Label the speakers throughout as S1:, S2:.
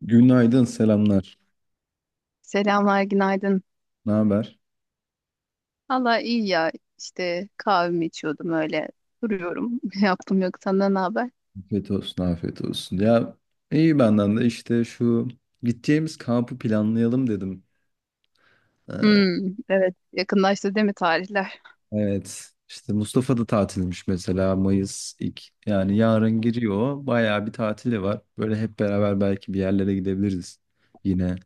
S1: Günaydın, selamlar.
S2: Selamlar, günaydın.
S1: Ne haber?
S2: Valla iyi ya. İşte kahvemi içiyordum öyle. Duruyorum. Ne yaptım yok. Senden ne haber?
S1: Afiyet olsun, afiyet olsun. Ya iyi benden de işte şu gideceğimiz kampı planlayalım dedim.
S2: Hmm, evet. Yakınlaştı değil mi tarihler?
S1: Evet, işte Mustafa da tatilmiş mesela Mayıs ilk yani yarın giriyor. Bayağı bir tatili var. Böyle hep beraber belki bir yerlere gidebiliriz yine.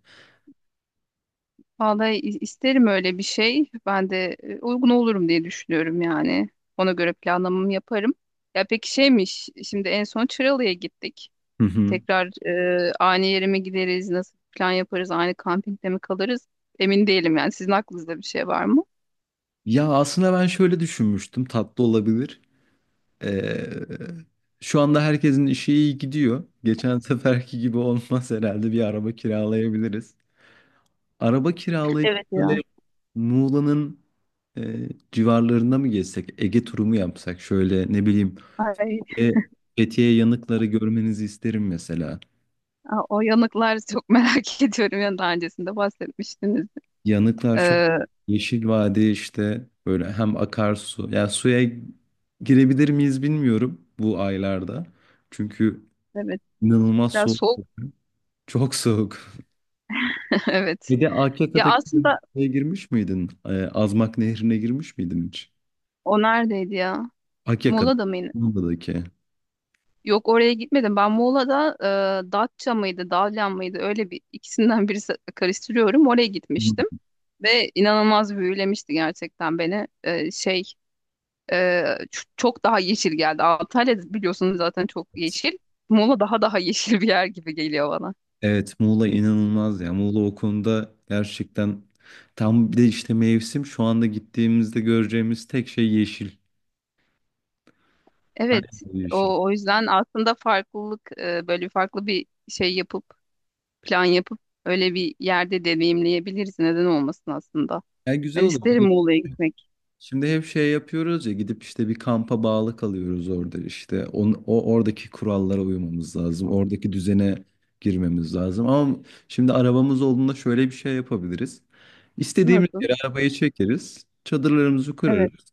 S2: Vallahi isterim öyle bir şey. Ben de uygun olurum diye düşünüyorum yani. Ona göre planlamamı yaparım. Ya peki şeymiş. Şimdi en son Çıralı'ya gittik.
S1: Hı hı.
S2: Tekrar aynı yere mi gideriz? Nasıl plan yaparız? Aynı kampingde mi kalırız? Emin değilim yani. Sizin aklınızda bir şey var mı?
S1: Ya aslında ben şöyle düşünmüştüm, tatlı olabilir. Ee, Şu anda herkesin işi iyi gidiyor. Geçen seferki gibi olmaz herhalde bir araba kiralayabiliriz. Araba kiralayıp
S2: Evet
S1: böyle
S2: ya.
S1: Muğla'nın civarlarında mı gezsek? Ege turu mu yapsak? Şöyle ne bileyim.
S2: Ay.
S1: E, Fethiye yanıkları görmenizi isterim mesela.
S2: Aa, o yanıklar çok merak ediyorum. Yani daha öncesinde bahsetmiştiniz.
S1: Yanıklar çok
S2: Ee,
S1: yeşil vadi işte böyle hem akarsu. Ya suya girebilir miyiz bilmiyorum bu aylarda. Çünkü
S2: evet.
S1: inanılmaz
S2: Biraz
S1: soğuk.
S2: soğuk.
S1: Çok soğuk.
S2: Evet.
S1: Bir de
S2: Ya
S1: Akyaka'daki
S2: aslında
S1: şeye girmiş miydin? Azmak Nehri'ne girmiş miydin hiç?
S2: o neredeydi ya? Muğla'da mıydı?
S1: Akyaka'daki.
S2: Yok, oraya gitmedim. Ben Muğla'da, Datça mıydı, Dalyan mıydı? Öyle bir ikisinden birisi karıştırıyorum. Oraya gitmiştim ve inanılmaz büyülemişti gerçekten beni. Çok daha yeşil geldi. Antalya biliyorsunuz zaten çok yeşil. Muğla daha yeşil bir yer gibi geliyor bana.
S1: Evet Muğla inanılmaz ya. Muğla o konuda gerçekten tam bir de işte mevsim şu anda gittiğimizde göreceğimiz tek şey yeşil. Her
S2: Evet,
S1: yer yeşil.
S2: o yüzden aslında farklılık, böyle farklı bir şey yapıp plan yapıp öyle bir yerde deneyimleyebiliriz. Neden olmasın aslında?
S1: Ya güzel
S2: Ben
S1: olur. Bir
S2: isterim
S1: de
S2: Muğla'ya gitmek.
S1: şimdi hep şey yapıyoruz ya gidip işte bir kampa bağlı kalıyoruz orada işte. O oradaki kurallara uymamız lazım. Oradaki düzene girmemiz lazım. Ama şimdi arabamız olduğunda şöyle bir şey yapabiliriz. İstediğimiz
S2: Nasıl?
S1: yere arabayı çekeriz. Çadırlarımızı
S2: Evet.
S1: kurarız.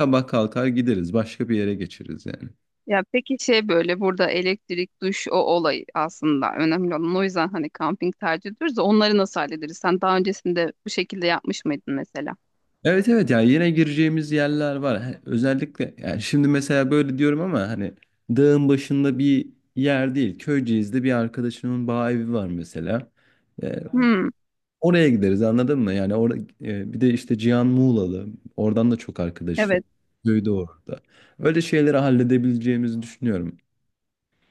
S1: Sabah kalkar gideriz. Başka bir yere geçeriz yani.
S2: Ya peki şey böyle burada elektrik, duş, o olay aslında önemli olan. O yüzden hani kamping tercih ediyoruz da onları nasıl hallederiz? Sen daha öncesinde bu şekilde yapmış mıydın mesela?
S1: Evet ya yine gireceğimiz yerler var. Özellikle yani şimdi mesela böyle diyorum ama hani dağın başında bir yer değil. Köyceğiz'de bir arkadaşımın bağ evi var mesela. Ee,
S2: Hmm,
S1: Oraya gideriz anladın mı? Yani orada bir de işte Cihan Muğla'lı. Oradan da çok arkadaş var.
S2: evet.
S1: Köyde orada. Öyle şeyleri halledebileceğimizi düşünüyorum.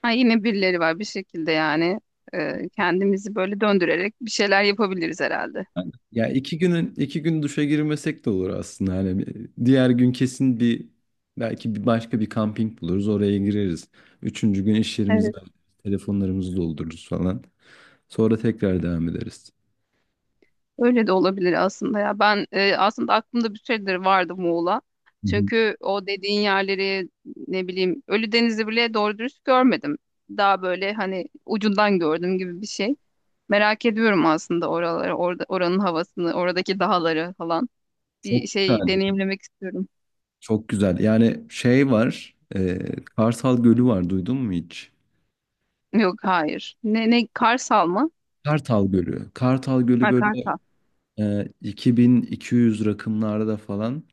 S2: Ha, yine birileri var bir şekilde yani, kendimizi böyle döndürerek bir şeyler yapabiliriz herhalde.
S1: Yani ya iki günün iki gün duşa girmesek de olur aslında. Hani diğer gün kesin bir belki bir başka bir kamping buluruz oraya gireriz. Üçüncü gün iş yerimizi
S2: Evet.
S1: hallederiz, telefonlarımızı doldururuz falan. Sonra tekrar devam ederiz.
S2: Öyle de olabilir aslında ya. Ben, aslında aklımda bir süredir vardı Muğla.
S1: Hı hı.
S2: Çünkü o dediğin yerleri ne bileyim Ölüdeniz'i bile doğru dürüst görmedim. Daha böyle hani ucundan gördüm gibi bir şey. Merak ediyorum aslında oraları, orada, oranın havasını, oradaki dağları falan. Bir
S1: Çok güzel,
S2: şey deneyimlemek istiyorum.
S1: çok güzel. Yani şey var, Kartal Gölü var. Duydun mu hiç?
S2: Yok, hayır. Ne, ne, Karsal mı?
S1: Kartal Gölü. Kartal Gölü
S2: Ha,
S1: böyle
S2: Karsal.
S1: 2200 rakımlarda falan.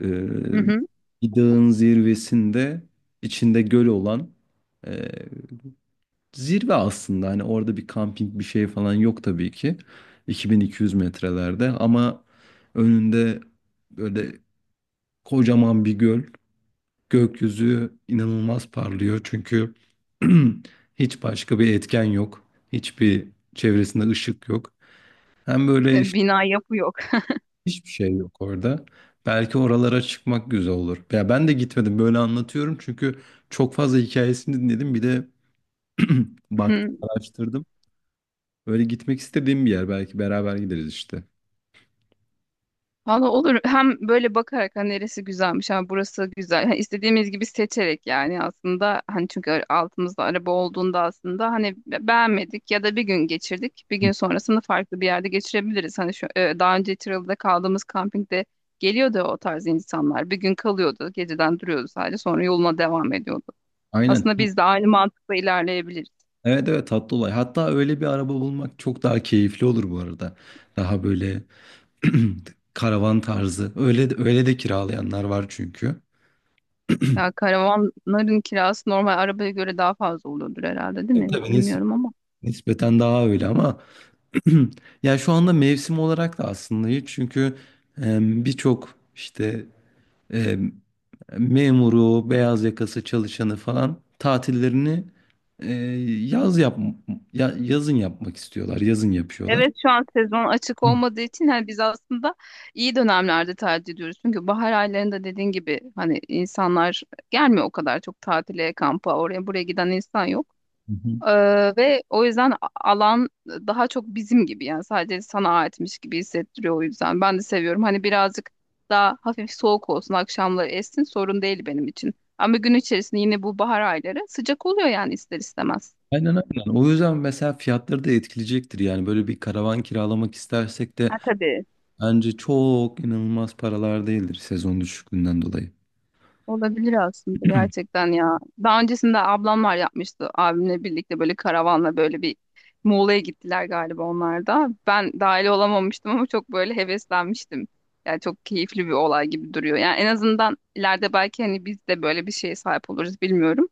S1: Ee,
S2: Hı hı.
S1: Bir dağın zirvesinde içinde göl olan e, zirve aslında hani orada bir kamping bir şey falan yok tabii ki 2200 metrelerde ama önünde böyle kocaman bir göl, gökyüzü inanılmaz parlıyor çünkü hiç başka bir etken yok, hiçbir çevresinde ışık yok, hem böyle
S2: E, bina yapı yok.
S1: hiçbir şey yok orada. Belki oralara çıkmak güzel olur. Ya ben de gitmedim böyle anlatıyorum çünkü çok fazla hikayesini dinledim. Bir de baktım, araştırdım. Böyle gitmek istediğim bir yer. Belki beraber gideriz işte.
S2: Valla olur. Hem böyle bakarak hani neresi güzelmiş, ha burası güzel. Hani istediğimiz gibi seçerek yani aslında hani çünkü altımızda araba olduğunda aslında hani beğenmedik ya da bir gün geçirdik. Bir gün sonrasını farklı bir yerde geçirebiliriz. Hani şu, daha önce Tiralı'da kaldığımız kampingde geliyordu o tarz insanlar. Bir gün kalıyordu, geceden duruyordu sadece, sonra yoluna devam ediyordu.
S1: Aynen.
S2: Aslında biz de aynı mantıkla ilerleyebiliriz.
S1: Evet tatlı olay. Hatta öyle bir araba bulmak çok daha keyifli olur bu arada. Daha böyle karavan tarzı. Öyle de kiralayanlar var çünkü.
S2: Ya karavanların kirası normal arabaya göre daha fazla oluyordur herhalde, değil
S1: Tabii
S2: mi?
S1: tabii,
S2: Bilmiyorum ama.
S1: nispeten daha öyle ama ya şu anda mevsim olarak da aslında hiç çünkü e, birçok işte e, memuru, beyaz yakası çalışanı falan tatillerini e, yaz yap yazın yapmak istiyorlar. Yazın yapıyorlar.
S2: Evet, şu an sezon açık
S1: Hı
S2: olmadığı için hani biz aslında iyi dönemlerde tatil ediyoruz. Çünkü bahar aylarında dediğin gibi hani insanlar gelmiyor o kadar çok, tatile, kampa, oraya buraya giden insan yok.
S1: hı.
S2: Ee, ve o yüzden alan daha çok bizim gibi yani sadece sana aitmiş gibi hissettiriyor o yüzden. Ben de seviyorum hani birazcık daha hafif soğuk olsun, akşamları essin sorun değil benim için. Ama gün içerisinde yine bu bahar ayları sıcak oluyor yani ister istemez.
S1: Aynen. O yüzden mesela fiyatları da etkileyecektir. Yani böyle bir karavan kiralamak istersek de
S2: Ha tabii.
S1: bence çok inanılmaz paralar değildir sezon düşüklüğünden dolayı.
S2: Olabilir aslında gerçekten ya. Daha öncesinde ablamlar yapmıştı abimle birlikte böyle karavanla böyle bir Muğla'ya gittiler galiba onlar da. Ben dahil olamamıştım ama çok böyle heveslenmiştim. Yani çok keyifli bir olay gibi duruyor. Yani en azından ileride belki hani biz de böyle bir şeye sahip oluruz bilmiyorum.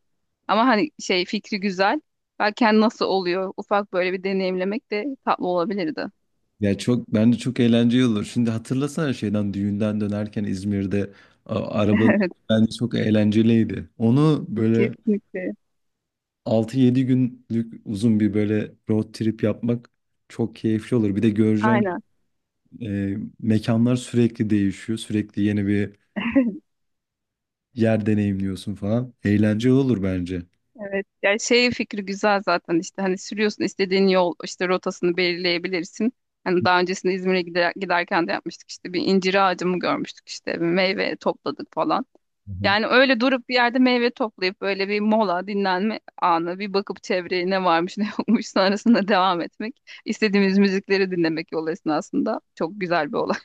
S2: Ama hani şey fikri güzel. Belki hani nasıl oluyor ufak böyle bir deneyimlemek de tatlı olabilirdi.
S1: Ya çok bence çok eğlenceli olur. Şimdi hatırlasana şeyden düğünden dönerken İzmir'de arabanın
S2: Evet,
S1: bence çok eğlenceliydi. Onu böyle
S2: kesinlikle.
S1: altı yedi günlük uzun bir böyle road trip yapmak çok keyifli olur. Bir de göreceğim
S2: Aynen.
S1: mekanlar sürekli değişiyor. Sürekli yeni bir yer deneyimliyorsun falan. Eğlenceli olur bence.
S2: Evet. Yani şey fikri güzel zaten işte hani sürüyorsun istediğin yol işte rotasını belirleyebilirsin. Hani daha öncesinde İzmir'e gider, giderken de yapmıştık işte bir incir ağacı mı görmüştük işte, bir meyve topladık falan. Yani öyle durup bir yerde meyve toplayıp böyle bir mola, dinlenme anı, bir bakıp çevreye ne varmış ne yokmuş, sonrasında devam etmek. İstediğimiz müzikleri dinlemek yol esnasında çok güzel bir olay.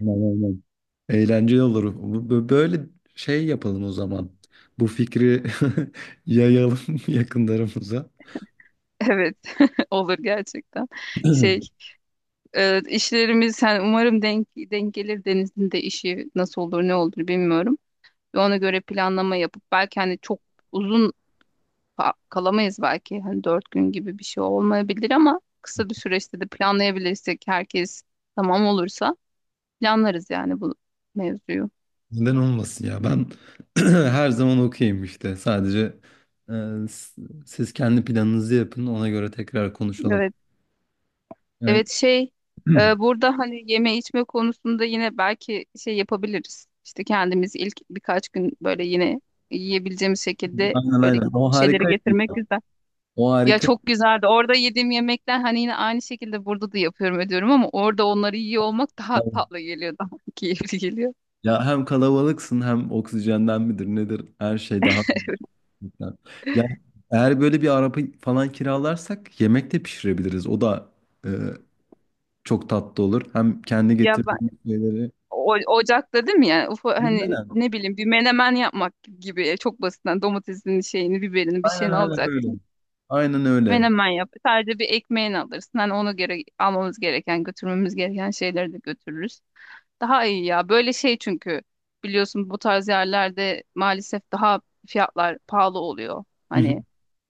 S1: Aynen, aynen. Eğlenceli olur. Böyle şey yapalım o zaman. Bu fikri yayalım yakınlarımıza.
S2: Evet, olur gerçekten. Şey, İşlerimiz yani umarım denk gelir, Deniz'in de işi nasıl olur ne olur bilmiyorum. Ve ona göre planlama yapıp belki hani çok uzun kalamayız, belki hani 4 gün gibi bir şey olmayabilir ama kısa bir süreçte de planlayabilirsek herkes tamam olursa planlarız yani bu mevzuyu.
S1: Neden olmasın ya? Ben her zaman okeyim işte. Sadece e, siz kendi planınızı yapın. Ona göre tekrar konuşalım.
S2: Evet,
S1: Yani,
S2: evet şey, burada hani yeme içme konusunda yine belki şey yapabiliriz. İşte kendimiz ilk birkaç gün böyle yine yiyebileceğimiz şekilde
S1: aynen
S2: böyle
S1: aynen. O
S2: bir şeyleri
S1: harika.
S2: getirmek güzel.
S1: O
S2: Ya
S1: harika.
S2: çok güzeldi. Orada yediğim yemekler hani yine aynı şekilde burada da yapıyorum ediyorum ama orada onları yiyor olmak daha tatlı geliyor, daha keyifli geliyor.
S1: Ya hem kalabalıksın hem oksijenden midir nedir? Her şey daha ya ya eğer böyle bir araba falan kiralarsak yemek de pişirebiliriz. O da e, çok tatlı olur. Hem kendi
S2: Ya ben,
S1: getirdiğimiz şeyleri.
S2: ocakta değil mi yani, hani
S1: Aynen,
S2: ne bileyim bir menemen yapmak gibi, çok basitten domatesin şeyini, biberini, bir
S1: aynen
S2: şeyini
S1: aynen öyle.
S2: alacaksın.
S1: Aynen öyle.
S2: Menemen yap. Sadece bir ekmeğini alırsın. Hani ona göre almamız gereken, götürmemiz gereken şeyleri de götürürüz. Daha iyi ya. Böyle şey çünkü biliyorsun bu tarz yerlerde maalesef daha fiyatlar pahalı oluyor.
S1: Hı hı.
S2: Hani,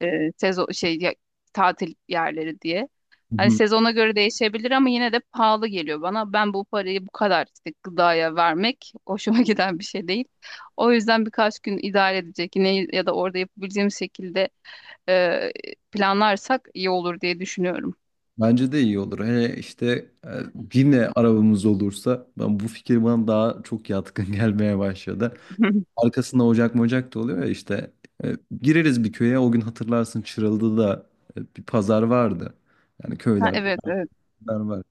S2: sezon şey, tatil yerleri diye.
S1: Hı
S2: Hani
S1: hı.
S2: sezona göre değişebilir ama yine de pahalı geliyor bana. Ben bu parayı bu kadar işte gıdaya vermek hoşuma giden bir şey değil. O yüzden birkaç gün idare edecek yine ya da orada yapabileceğim şekilde, e, planlarsak iyi olur diye düşünüyorum.
S1: Bence de iyi olur. Hele işte e, yine arabamız olursa ben bu fikir bana daha çok yatkın gelmeye başladı. Arkasında ocak mocak da oluyor ya işte E, gireriz bir köye o gün hatırlarsın Çıralı'da da bir pazar vardı. Yani
S2: Ha,
S1: köylerde
S2: evet evet.
S1: pazar var.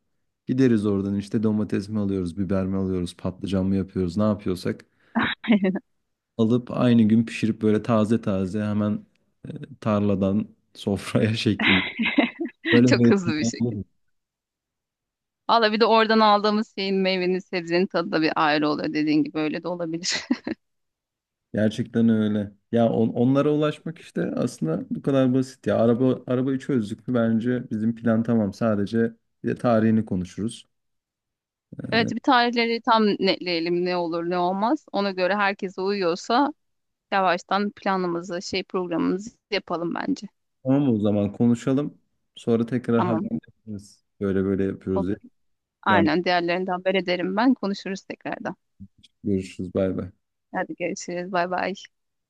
S1: Gideriz oradan işte domates mi alıyoruz, biber mi alıyoruz, patlıcan mı yapıyoruz, ne yapıyorsak alıp aynı gün pişirip böyle taze taze hemen e, tarladan sofraya şeklinde. Böyle
S2: Çok hızlı bir şekilde.
S1: böyle-
S2: Valla bir de oradan aldığımız şeyin, meyvenin, sebzenin tadı da bir ayrı oluyor dediğin gibi, öyle de olabilir.
S1: Gerçekten öyle. Ya onlara ulaşmak işte aslında bu kadar basit ya. Araba arabayı çözdük mü bence bizim plan tamam. Sadece bir de tarihini konuşuruz. Ee,
S2: Evet, bir tarihleri tam netleyelim, ne olur ne olmaz. Ona göre herkese uyuyorsa yavaştan planımızı, şey, programımızı yapalım bence.
S1: tamam o zaman konuşalım. Sonra tekrar
S2: Tamam,
S1: haberleşiriz. Böyle böyle yapıyoruz diye.
S2: olur.
S1: Yanlış
S2: Aynen, diğerlerinden haber ederim ben, konuşuruz tekrardan.
S1: görüşürüz. Bay bay.
S2: Hadi görüşürüz, bay bay.